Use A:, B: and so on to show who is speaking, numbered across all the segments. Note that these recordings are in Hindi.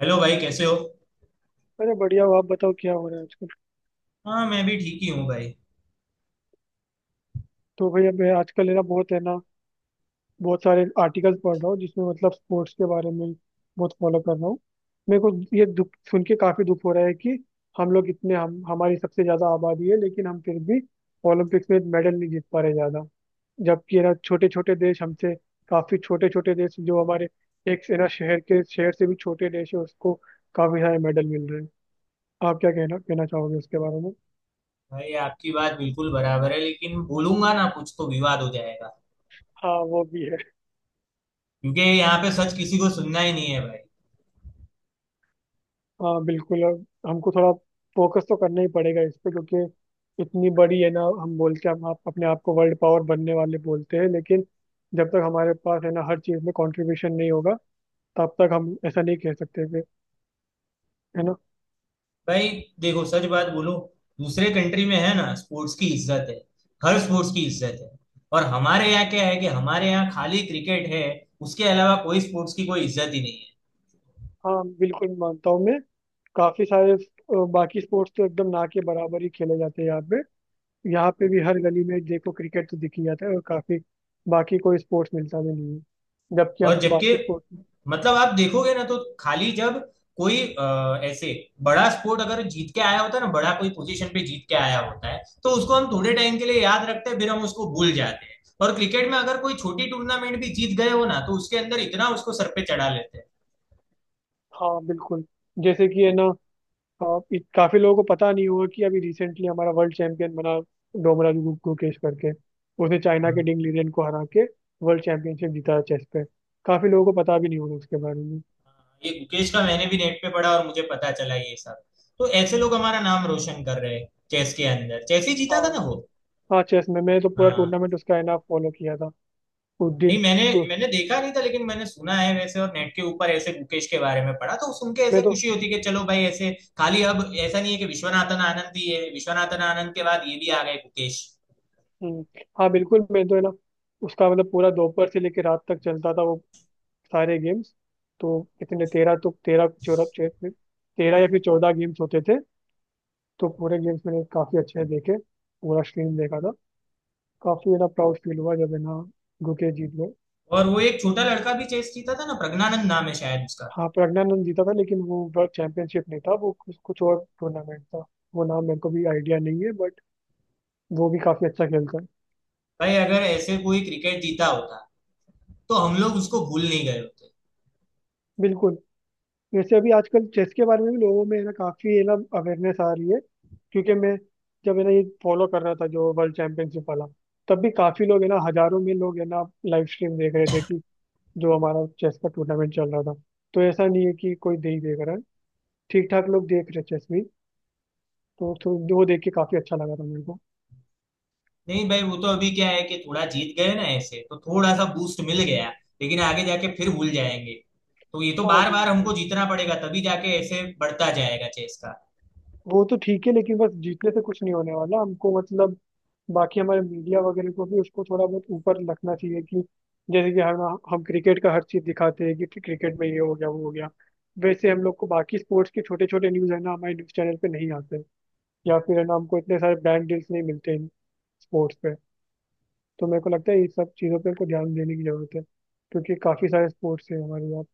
A: हेलो भाई, कैसे हो?
B: अरे बढ़िया हो। आप बताओ, क्या हो रहा है आजकल?
A: हाँ, मैं भी ठीक ही हूँ भाई।
B: तो भाई, अब मैं आजकल है ना बहुत सारे आर्टिकल्स पढ़ रहा हूँ जिसमें मतलब स्पोर्ट्स के बारे में बहुत फॉलो कर रहा हूँ। मेरे को ये दुख सुन के काफी दुख हो रहा है कि हम लोग इतने हम हमारी सबसे ज्यादा आबादी है लेकिन हम फिर भी ओलंपिक्स में मेडल नहीं जीत पा रहे ज्यादा। जबकि है ना छोटे छोटे देश हमसे, काफी छोटे छोटे देश जो हमारे एक है ना शहर के शहर से भी छोटे देश है, उसको काफी सारे मेडल मिल रहे हैं। आप क्या कहना कहना चाहोगे उसके बारे में?
A: भाई, आपकी बात बिल्कुल बराबर है, लेकिन बोलूंगा ना कुछ तो विवाद हो जाएगा।
B: हाँ, वो भी है।
A: क्योंकि यहाँ पे सच किसी को सुनना ही नहीं है भाई।
B: हाँ बिल्कुल, अब हमको थोड़ा फोकस तो करना ही पड़ेगा इस पे, क्योंकि इतनी बड़ी है ना हम बोल के, हम आप अपने आप को वर्ल्ड पावर बनने वाले बोलते हैं लेकिन जब तक हमारे पास है ना हर चीज़ में कंट्रीब्यूशन नहीं होगा, तब तक हम ऐसा नहीं कह सकते फिर, है ना।
A: भाई देखो, सच बात बोलो। दूसरे कंट्री में है ना, स्पोर्ट्स की इज्जत है। हर स्पोर्ट्स की इज्जत है। और हमारे यहाँ क्या है कि हमारे यहाँ खाली क्रिकेट है। उसके अलावा कोई स्पोर्ट्स की कोई इज्जत ही नहीं है।
B: हाँ बिल्कुल, मानता हूँ मैं। काफ़ी सारे बाकी स्पोर्ट्स तो एकदम ना के बराबर ही खेले जाते हैं यहाँ पे। यहाँ पे भी हर गली में देखो, क्रिकेट तो दिख ही जाता है, और काफ़ी बाकी कोई स्पोर्ट्स मिलता भी नहीं है। जबकि
A: और
B: हमको
A: जबकि
B: बाकी स्पोर्ट्स।
A: मतलब आप देखोगे ना तो खाली जब कोई ऐसे बड़ा स्पोर्ट अगर जीत के आया होता है ना, बड़ा कोई पोजीशन पे जीत के आया होता है तो उसको हम थोड़े टाइम के लिए याद रखते हैं, फिर हम उसको भूल जाते हैं। और क्रिकेट में अगर कोई छोटी टूर्नामेंट भी जीत गए हो ना तो उसके अंदर इतना उसको सर पे चढ़ा लेते हैं।
B: हाँ बिल्कुल। जैसे कि है ना, और काफी लोगों को पता नहीं हुआ कि अभी रिसेंटली हमारा वर्ल्ड चैंपियन बना। डोमराजू गुकेश करके, उसने चाइना के
A: हाँ।
B: डिंग लीरेन को हरा के वर्ल्ड चैंपियनशिप जीता चेस पे। काफी लोगों को पता भी नहीं होगा उसके बारे में।
A: हाँ, ये गुकेश का मैंने भी नेट पे पढ़ा और मुझे पता चला ये सब। तो ऐसे लोग हमारा नाम रोशन कर रहे हैं चेस के अंदर। चेस ही जीता
B: हाँ।
A: था ना वो?
B: हाँ, चेस में मैं तो पूरा
A: हाँ।
B: टूर्नामेंट उसका है ना फॉलो किया था। उस
A: नहीं,
B: दिन
A: मैंने
B: सु-
A: मैंने देखा नहीं था, लेकिन मैंने सुना है वैसे और नेट के ऊपर ऐसे गुकेश के बारे में पढ़ा तो सुन के ऐसे
B: मैं तो
A: खुशी होती है कि चलो भाई ऐसे। खाली अब ऐसा नहीं है कि विश्वनाथन आनंद भी है, विश्वनाथन आनंद के बाद ये भी आ गए गुकेश।
B: हम्म, हाँ बिल्कुल। मैं तो है ना उसका मतलब पूरा दोपहर से लेकर रात तक चलता था वो सारे गेम्स। तो कितने 13, तो 13 14, 13 या फिर 14 गेम्स होते थे। तो पूरे गेम्स मैंने काफी अच्छे से देखे। पूरा स्ट्रीम देखा था। काफी मेरा प्राउड फील हुआ जब है ना गुके जीत गए।
A: और वो एक छोटा लड़का भी चेस जीता था ना, प्रज्ञानंद नाम है शायद उसका।
B: हाँ प्रज्ञानंद जीता था, लेकिन वो वर्ल्ड चैंपियनशिप नहीं था, वो कुछ कुछ और टूर्नामेंट था। वो नाम मेरे को भी आइडिया नहीं है बट वो भी काफी अच्छा खेलता है।
A: भाई अगर ऐसे कोई क्रिकेट जीता होता तो हम लोग उसको भूल नहीं गए होते।
B: बिल्कुल। वैसे अभी आजकल चेस के बारे में भी लोगों में है ना काफी है ना अवेयरनेस आ रही है। क्योंकि मैं जब है ना ये फॉलो कर रहा था जो वर्ल्ड चैंपियनशिप वाला, तब भी काफी लोग है ना, हजारों में लोग है ना लाइव स्ट्रीम देख रहे थे कि जो हमारा चेस का टूर्नामेंट चल रहा था। तो ऐसा नहीं है कि कोई दे ही देख रहा है, ठीक ठाक लोग देख रहे चेस भी। तो वो देख के काफी अच्छा लगा था मेरे को।
A: नहीं भाई, वो तो अभी क्या है कि थोड़ा जीत गए ना, ऐसे तो थोड़ा सा बूस्ट मिल गया, लेकिन आगे जाके फिर भूल जाएंगे। तो ये तो
B: हाँ
A: बार बार हमको
B: बिल्कुल।
A: जीतना पड़ेगा, तभी जाके ऐसे बढ़ता जाएगा चेस का।
B: वो तो ठीक है लेकिन बस जीतने से कुछ नहीं होने वाला हमको, मतलब बाकी हमारे मीडिया वगैरह को भी उसको थोड़ा बहुत ऊपर रखना चाहिए कि जैसे कि हम क्रिकेट का हर चीज दिखाते हैं कि क्रिकेट में ये हो गया वो हो गया, वैसे हम लोग को बाकी स्पोर्ट्स के छोटे छोटे न्यूज है ना हमारे न्यूज चैनल पे नहीं आते। या फिर है ना हमको इतने सारे ब्रांड डील्स नहीं मिलते हैं स्पोर्ट्स पे। तो मेरे को लगता है ये सब चीज़ों पे को ध्यान देने की ज़रूरत है, क्योंकि काफ़ी सारे स्पोर्ट्स हैं हमारे यहाँ।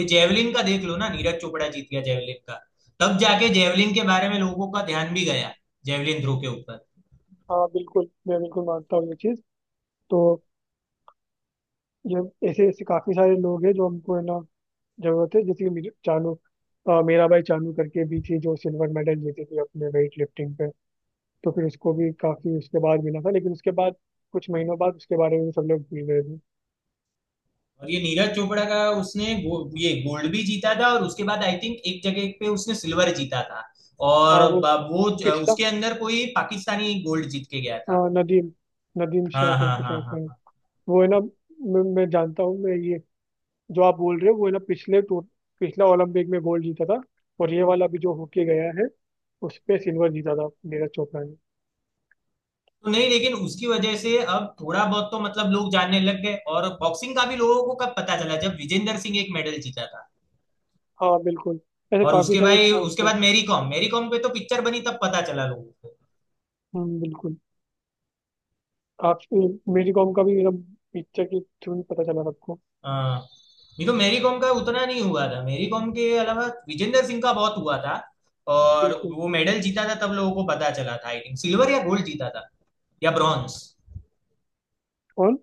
A: ये जेवलिन का देख लो ना, नीरज चोपड़ा जीत गया जेवलिन का। तब जाके जेवलिन के बारे में लोगों का ध्यान भी गया, जेवलिन थ्रो के ऊपर।
B: हाँ बिल्कुल, मैं बिल्कुल मानता हूँ ये चीज़। तो ये ऐसे ऐसे काफ़ी सारे लोग हैं जो हमको है ना जरूरत है, जैसे कि चानू। मेरा भाई चानू करके भी थी, जो सिल्वर मेडल जीती थी अपने वेट लिफ्टिंग पे। तो फिर उसको भी काफी उसके बाद मिला था, लेकिन उसके बाद कुछ महीनों बाद उसके बारे में भी सब लोग भूल गए थे।
A: और ये नीरज चोपड़ा का, उसने ये गोल्ड भी जीता था और उसके बाद आई थिंक एक जगह पे उसने सिल्वर जीता था।
B: हाँ,
A: और
B: वो पिछला।
A: उसके अंदर कोई पाकिस्तानी गोल्ड जीत के गया था।
B: हाँ, नदीम। नदीम शाह
A: हाँ हाँ
B: करके
A: हाँ
B: शायद
A: हाँ
B: है।
A: हाँ।
B: वो है ना, मैं जानता हूँ मैं, ये जो आप बोल रहे हो वो है ना पिछले टूर पिछला ओलंपिक में गोल्ड जीता था। और ये वाला भी जो होके गया है, उस पे सिल्वर जीता था नीरज चोपड़ा ने।
A: तो नहीं, लेकिन उसकी वजह से अब थोड़ा बहुत तो मतलब लोग जानने लग गए और बॉक्सिंग का भी लोगों को कब पता चला, जब विजेंदर सिंह एक मेडल जीता था।
B: हाँ बिल्कुल, ऐसे
A: और
B: काफी
A: उसके
B: सारे
A: भाई
B: स्पोर्ट्स
A: उसके
B: हैं।
A: बाद मैरी कॉम, मैरी कॉम पे तो पिक्चर बनी तब पता चला लोगों को।
B: हम्म, बिल्कुल। काफी मेरी कॉम का भी एकदम पिक्चर के थ्रू ही पता चला सबको।
A: हाँ। नहीं तो मैरी कॉम का उतना नहीं हुआ था, मैरी कॉम के अलावा विजेंदर सिंह का बहुत हुआ था। और
B: बिल्कुल।
A: वो मेडल जीता था तब लोगों को पता चला था, आई थिंक सिल्वर या गोल्ड जीता था। या ब्रॉन्ज।
B: और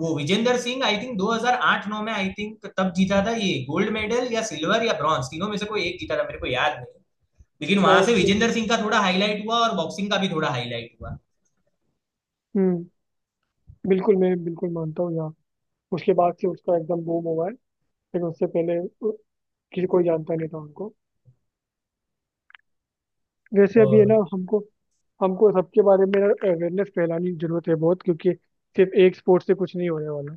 A: वो विजेंदर सिंह आई थिंक 2008-9 में आई थिंक तब जीता था, ये गोल्ड मेडल या सिल्वर या ब्रॉन्ज तीनों में से कोई एक जीता था मेरे को याद नहीं। लेकिन वहां
B: शायद।
A: से विजेंदर सिंह का थोड़ा हाईलाइट हुआ और बॉक्सिंग का भी थोड़ा हाईलाइट हुआ।
B: हम्म, बिल्कुल। मैं बिल्कुल मानता हूँ यार। उसके बाद से उसका एकदम बूम हुआ है लेकिन उससे पहले उ- किसी कोई जानता नहीं था उनको। वैसे अभी है ना
A: और
B: हमको हमको सबके बारे में अवेयरनेस फैलानी जरूरत है बहुत, क्योंकि सिर्फ एक स्पोर्ट से कुछ नहीं होने वाला।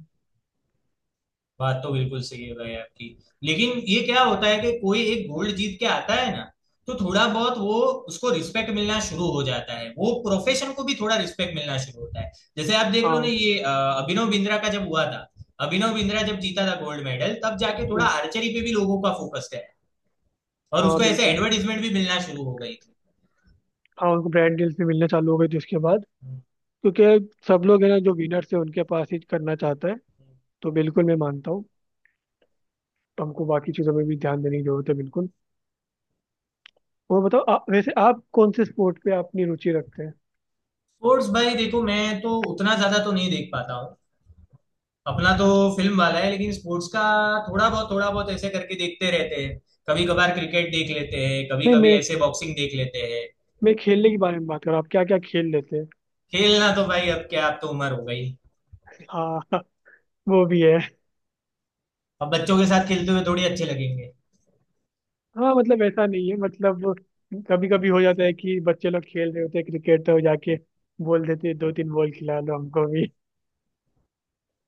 A: बात तो बिल्कुल सही है भाई आपकी। लेकिन ये क्या होता है कि कोई एक गोल्ड जीत के आता है ना, तो थोड़ा बहुत वो उसको रिस्पेक्ट मिलना शुरू हो जाता है, वो प्रोफेशन को भी थोड़ा रिस्पेक्ट मिलना शुरू होता है। जैसे आप देख लो ना,
B: हाँ।
A: ये अभिनव बिंद्रा का जब हुआ था। अभिनव बिंद्रा जब जीता था गोल्ड मेडल, तब जाके थोड़ा
B: हम्म,
A: आर्चरी पे भी लोगों का फोकस गया। और
B: हाँ
A: उसको ऐसे
B: बिल्कुल।
A: एडवर्टीजमेंट भी मिलना शुरू हो गई थी।
B: हाँ, उनको ब्रांड डील्स भी मिलने चालू हो गए जिसके बाद, क्योंकि सब लोग है ना जो विनर्स है उनके पास ही करना चाहता है। तो बिल्कुल मैं मानता हूँ। तो हमको बाकी चीज़ों में भी ध्यान देने की जरूरत है बिल्कुल। और बताओ आप, वैसे आप कौन से स्पोर्ट पे अपनी रुचि रखते हैं?
A: स्पोर्ट्स भाई देखो, मैं तो उतना ज्यादा तो नहीं देख पाता हूँ। अपना तो फिल्म वाला है, लेकिन स्पोर्ट्स का थोड़ा बहुत ऐसे करके देखते रहते हैं। कभी कभार क्रिकेट देख लेते हैं, कभी
B: नहीं,
A: कभी
B: मैं
A: ऐसे बॉक्सिंग देख लेते हैं।
B: मैं खेलने के बारे में बात कर रहा हूँ, आप क्या क्या खेल लेते हैं?
A: खेलना तो भाई अब क्या, अब तो उम्र हो गई।
B: हाँ वो भी है।
A: अब बच्चों के साथ खेलते हुए थोड़ी अच्छे लगेंगे।
B: हाँ मतलब ऐसा नहीं है, मतलब कभी कभी हो जाता है कि बच्चे लोग खेल रहे होते हैं क्रिकेट, तो जाके बोल देते हैं, दो तीन बॉल खिला लो हमको भी।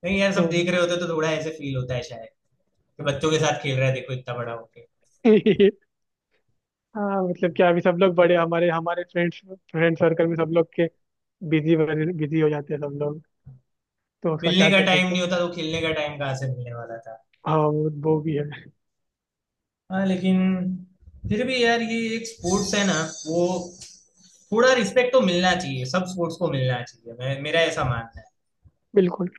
A: नहीं यार,
B: तो
A: सब देख रहे होते तो थोड़ा ऐसे फील होता है शायद, कि बच्चों के साथ खेल रहा है देखो इतना बड़ा होके।
B: हाँ मतलब क्या, अभी सब लोग बड़े, हमारे हमारे फ्रेंड सर्कल में सब लोग के बिजी बिजी हो जाते हैं सब लोग। तो उसका
A: मिलने
B: क्या
A: का
B: कर
A: टाइम
B: सकते हैं?
A: नहीं होता तो खेलने का टाइम कहाँ से मिलने वाला था।
B: हाँ, वो भी है।
A: हाँ, लेकिन फिर भी यार, ये एक स्पोर्ट्स है ना वो, थोड़ा रिस्पेक्ट तो मिलना चाहिए, सब स्पोर्ट्स को मिलना चाहिए, मैं मेरा ऐसा मानना है।
B: बिल्कुल।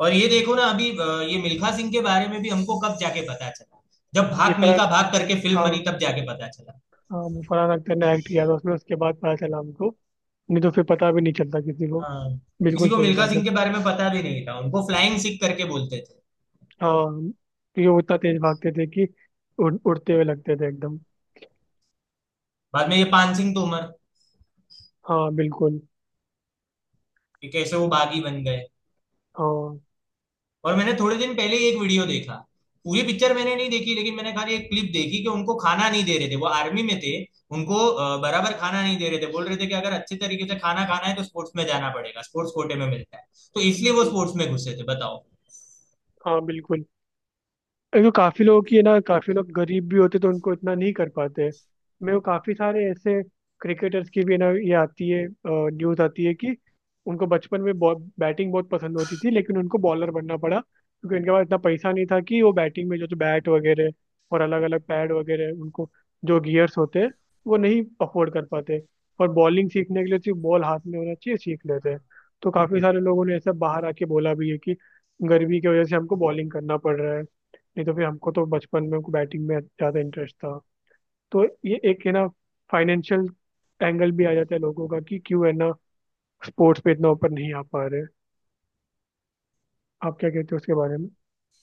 A: और ये देखो ना अभी ये मिल्खा सिंह के बारे में भी हमको कब जाके पता चला, जब
B: ये
A: भाग
B: फरहान।
A: मिल्खा भाग करके फिल्म बनी
B: हाँ।
A: तब जाके पता चला।
B: हाँ, वो फरहान अख्तर ने एक्ट किया था उसमें, उसके बाद पता चला हमको। नहीं तो फिर पता भी नहीं चलता किसी को।
A: हाँ। किसी
B: बिल्कुल
A: को
B: सही
A: मिल्खा
B: बात
A: सिंह
B: है।
A: के बारे में पता भी नहीं था, उनको फ्लाइंग सिख करके बोलते थे।
B: हाँ, क्योंकि वो इतना तेज भागते थे कि उड़ते हुए लगते थे एकदम।
A: बाद में ये पान सिंह तोमर,
B: हाँ बिल्कुल।
A: कि कैसे वो बागी बन गए।
B: हाँ।
A: और मैंने थोड़े दिन पहले ही एक वीडियो देखा। पूरी पिक्चर मैंने नहीं देखी, लेकिन मैंने खाली एक क्लिप देखी कि उनको खाना नहीं दे रहे थे, वो आर्मी में थे। उनको बराबर खाना नहीं दे रहे थे, बोल रहे थे कि अगर अच्छे तरीके से खाना खाना है तो स्पोर्ट्स में जाना पड़ेगा, स्पोर्ट्स कोटे में मिलता है। तो इसलिए वो
B: हम्म।
A: स्पोर्ट्स में घुसे थे बताओ।
B: हाँ बिल्कुल। एक तो काफी लोगों की है ना, काफी लोग गरीब भी होते तो उनको इतना नहीं कर पाते। मेरे को काफी सारे ऐसे क्रिकेटर्स की भी है ना ये आती है न्यूज आती है कि उनको बचपन में बॉ बैटिंग बहुत पसंद होती थी लेकिन उनको बॉलर बनना पड़ा, क्योंकि उनके पास इतना पैसा नहीं था कि वो बैटिंग में जो जो बैट वगैरह और अलग अलग पैड वगैरह, उनको जो गियर्स होते हैं, वो नहीं अफोर्ड कर पाते। और बॉलिंग सीखने के लिए सिर्फ बॉल हाथ में होना चाहिए, सीख लेते हैं। तो काफी सारे लोगों ने ऐसा बाहर आके बोला भी है कि गरीबी की वजह से हमको बॉलिंग करना पड़ रहा है, नहीं तो फिर हमको तो बचपन में बैटिंग में ज़्यादा इंटरेस्ट था। तो ये एक है ना फाइनेंशियल एंगल भी आ जाता है लोगों का कि क्यों है ना स्पोर्ट्स पे इतना ऊपर नहीं आ पा रहे। आप क्या कहते हो उसके बारे में?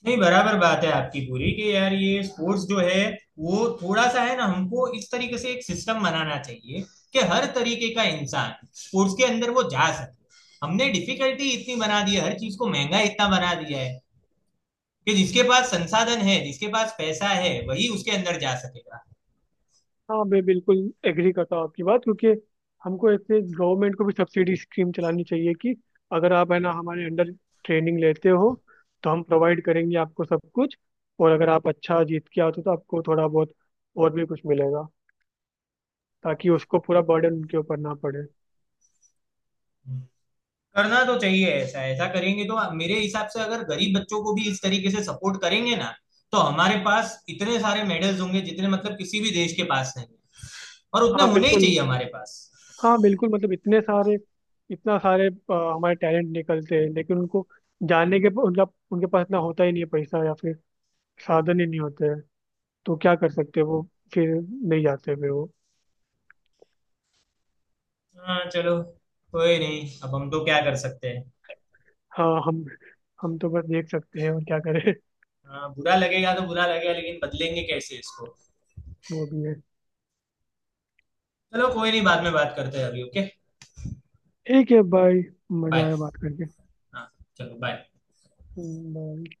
A: नहीं बराबर बात है आपकी पूरी, कि यार ये स्पोर्ट्स जो है वो थोड़ा सा है ना, हमको इस तरीके से एक सिस्टम बनाना चाहिए कि हर तरीके का इंसान स्पोर्ट्स के अंदर वो जा सके। हमने डिफिकल्टी इतनी बना दी है, हर चीज को महंगा इतना बना दिया है, कि जिसके पास संसाधन है, जिसके पास पैसा है वही उसके अंदर जा सकेगा।
B: हाँ मैं बिल्कुल एग्री करता हूँ आपकी बात, क्योंकि हमको ऐसे गवर्नमेंट को भी सब्सिडी स्कीम चलानी चाहिए कि अगर आप है ना हमारे अंडर ट्रेनिंग लेते हो, तो हम प्रोवाइड करेंगे आपको सब कुछ, और अगर आप अच्छा जीत के आते हो तो आपको थोड़ा बहुत और भी कुछ मिलेगा, ताकि उसको पूरा बर्डन उनके ऊपर ना पड़े।
A: करना तो चाहिए, ऐसा ऐसा करेंगे तो मेरे हिसाब से, अगर गरीब बच्चों को भी इस तरीके से सपोर्ट करेंगे ना, तो हमारे पास इतने सारे मेडल्स होंगे जितने मतलब किसी भी देश के पास नहीं है। और उतने
B: हाँ
A: होने ही
B: बिल्कुल।
A: चाहिए हमारे पास।
B: हाँ बिल्कुल, मतलब इतने सारे इतना सारे हमारे टैलेंट निकलते हैं, लेकिन उनको जानने के, उनका उनके पास इतना होता ही नहीं है पैसा या फिर साधन ही नहीं होते हैं। तो क्या कर सकते हैं वो, फिर नहीं जाते फिर वो।
A: हाँ चलो, कोई नहीं, अब हम तो क्या कर सकते हैं।
B: हाँ, हम तो बस देख सकते हैं, और क्या करें।
A: हाँ, बुरा लगेगा तो बुरा लगेगा, लेकिन बदलेंगे कैसे इसको।
B: वो भी है।
A: चलो कोई नहीं, बाद में बात करते हैं, अभी ओके
B: ठीक है, बाय। मजा
A: बाय।
B: आया बात करके।
A: हाँ, चलो बाय।
B: बाय।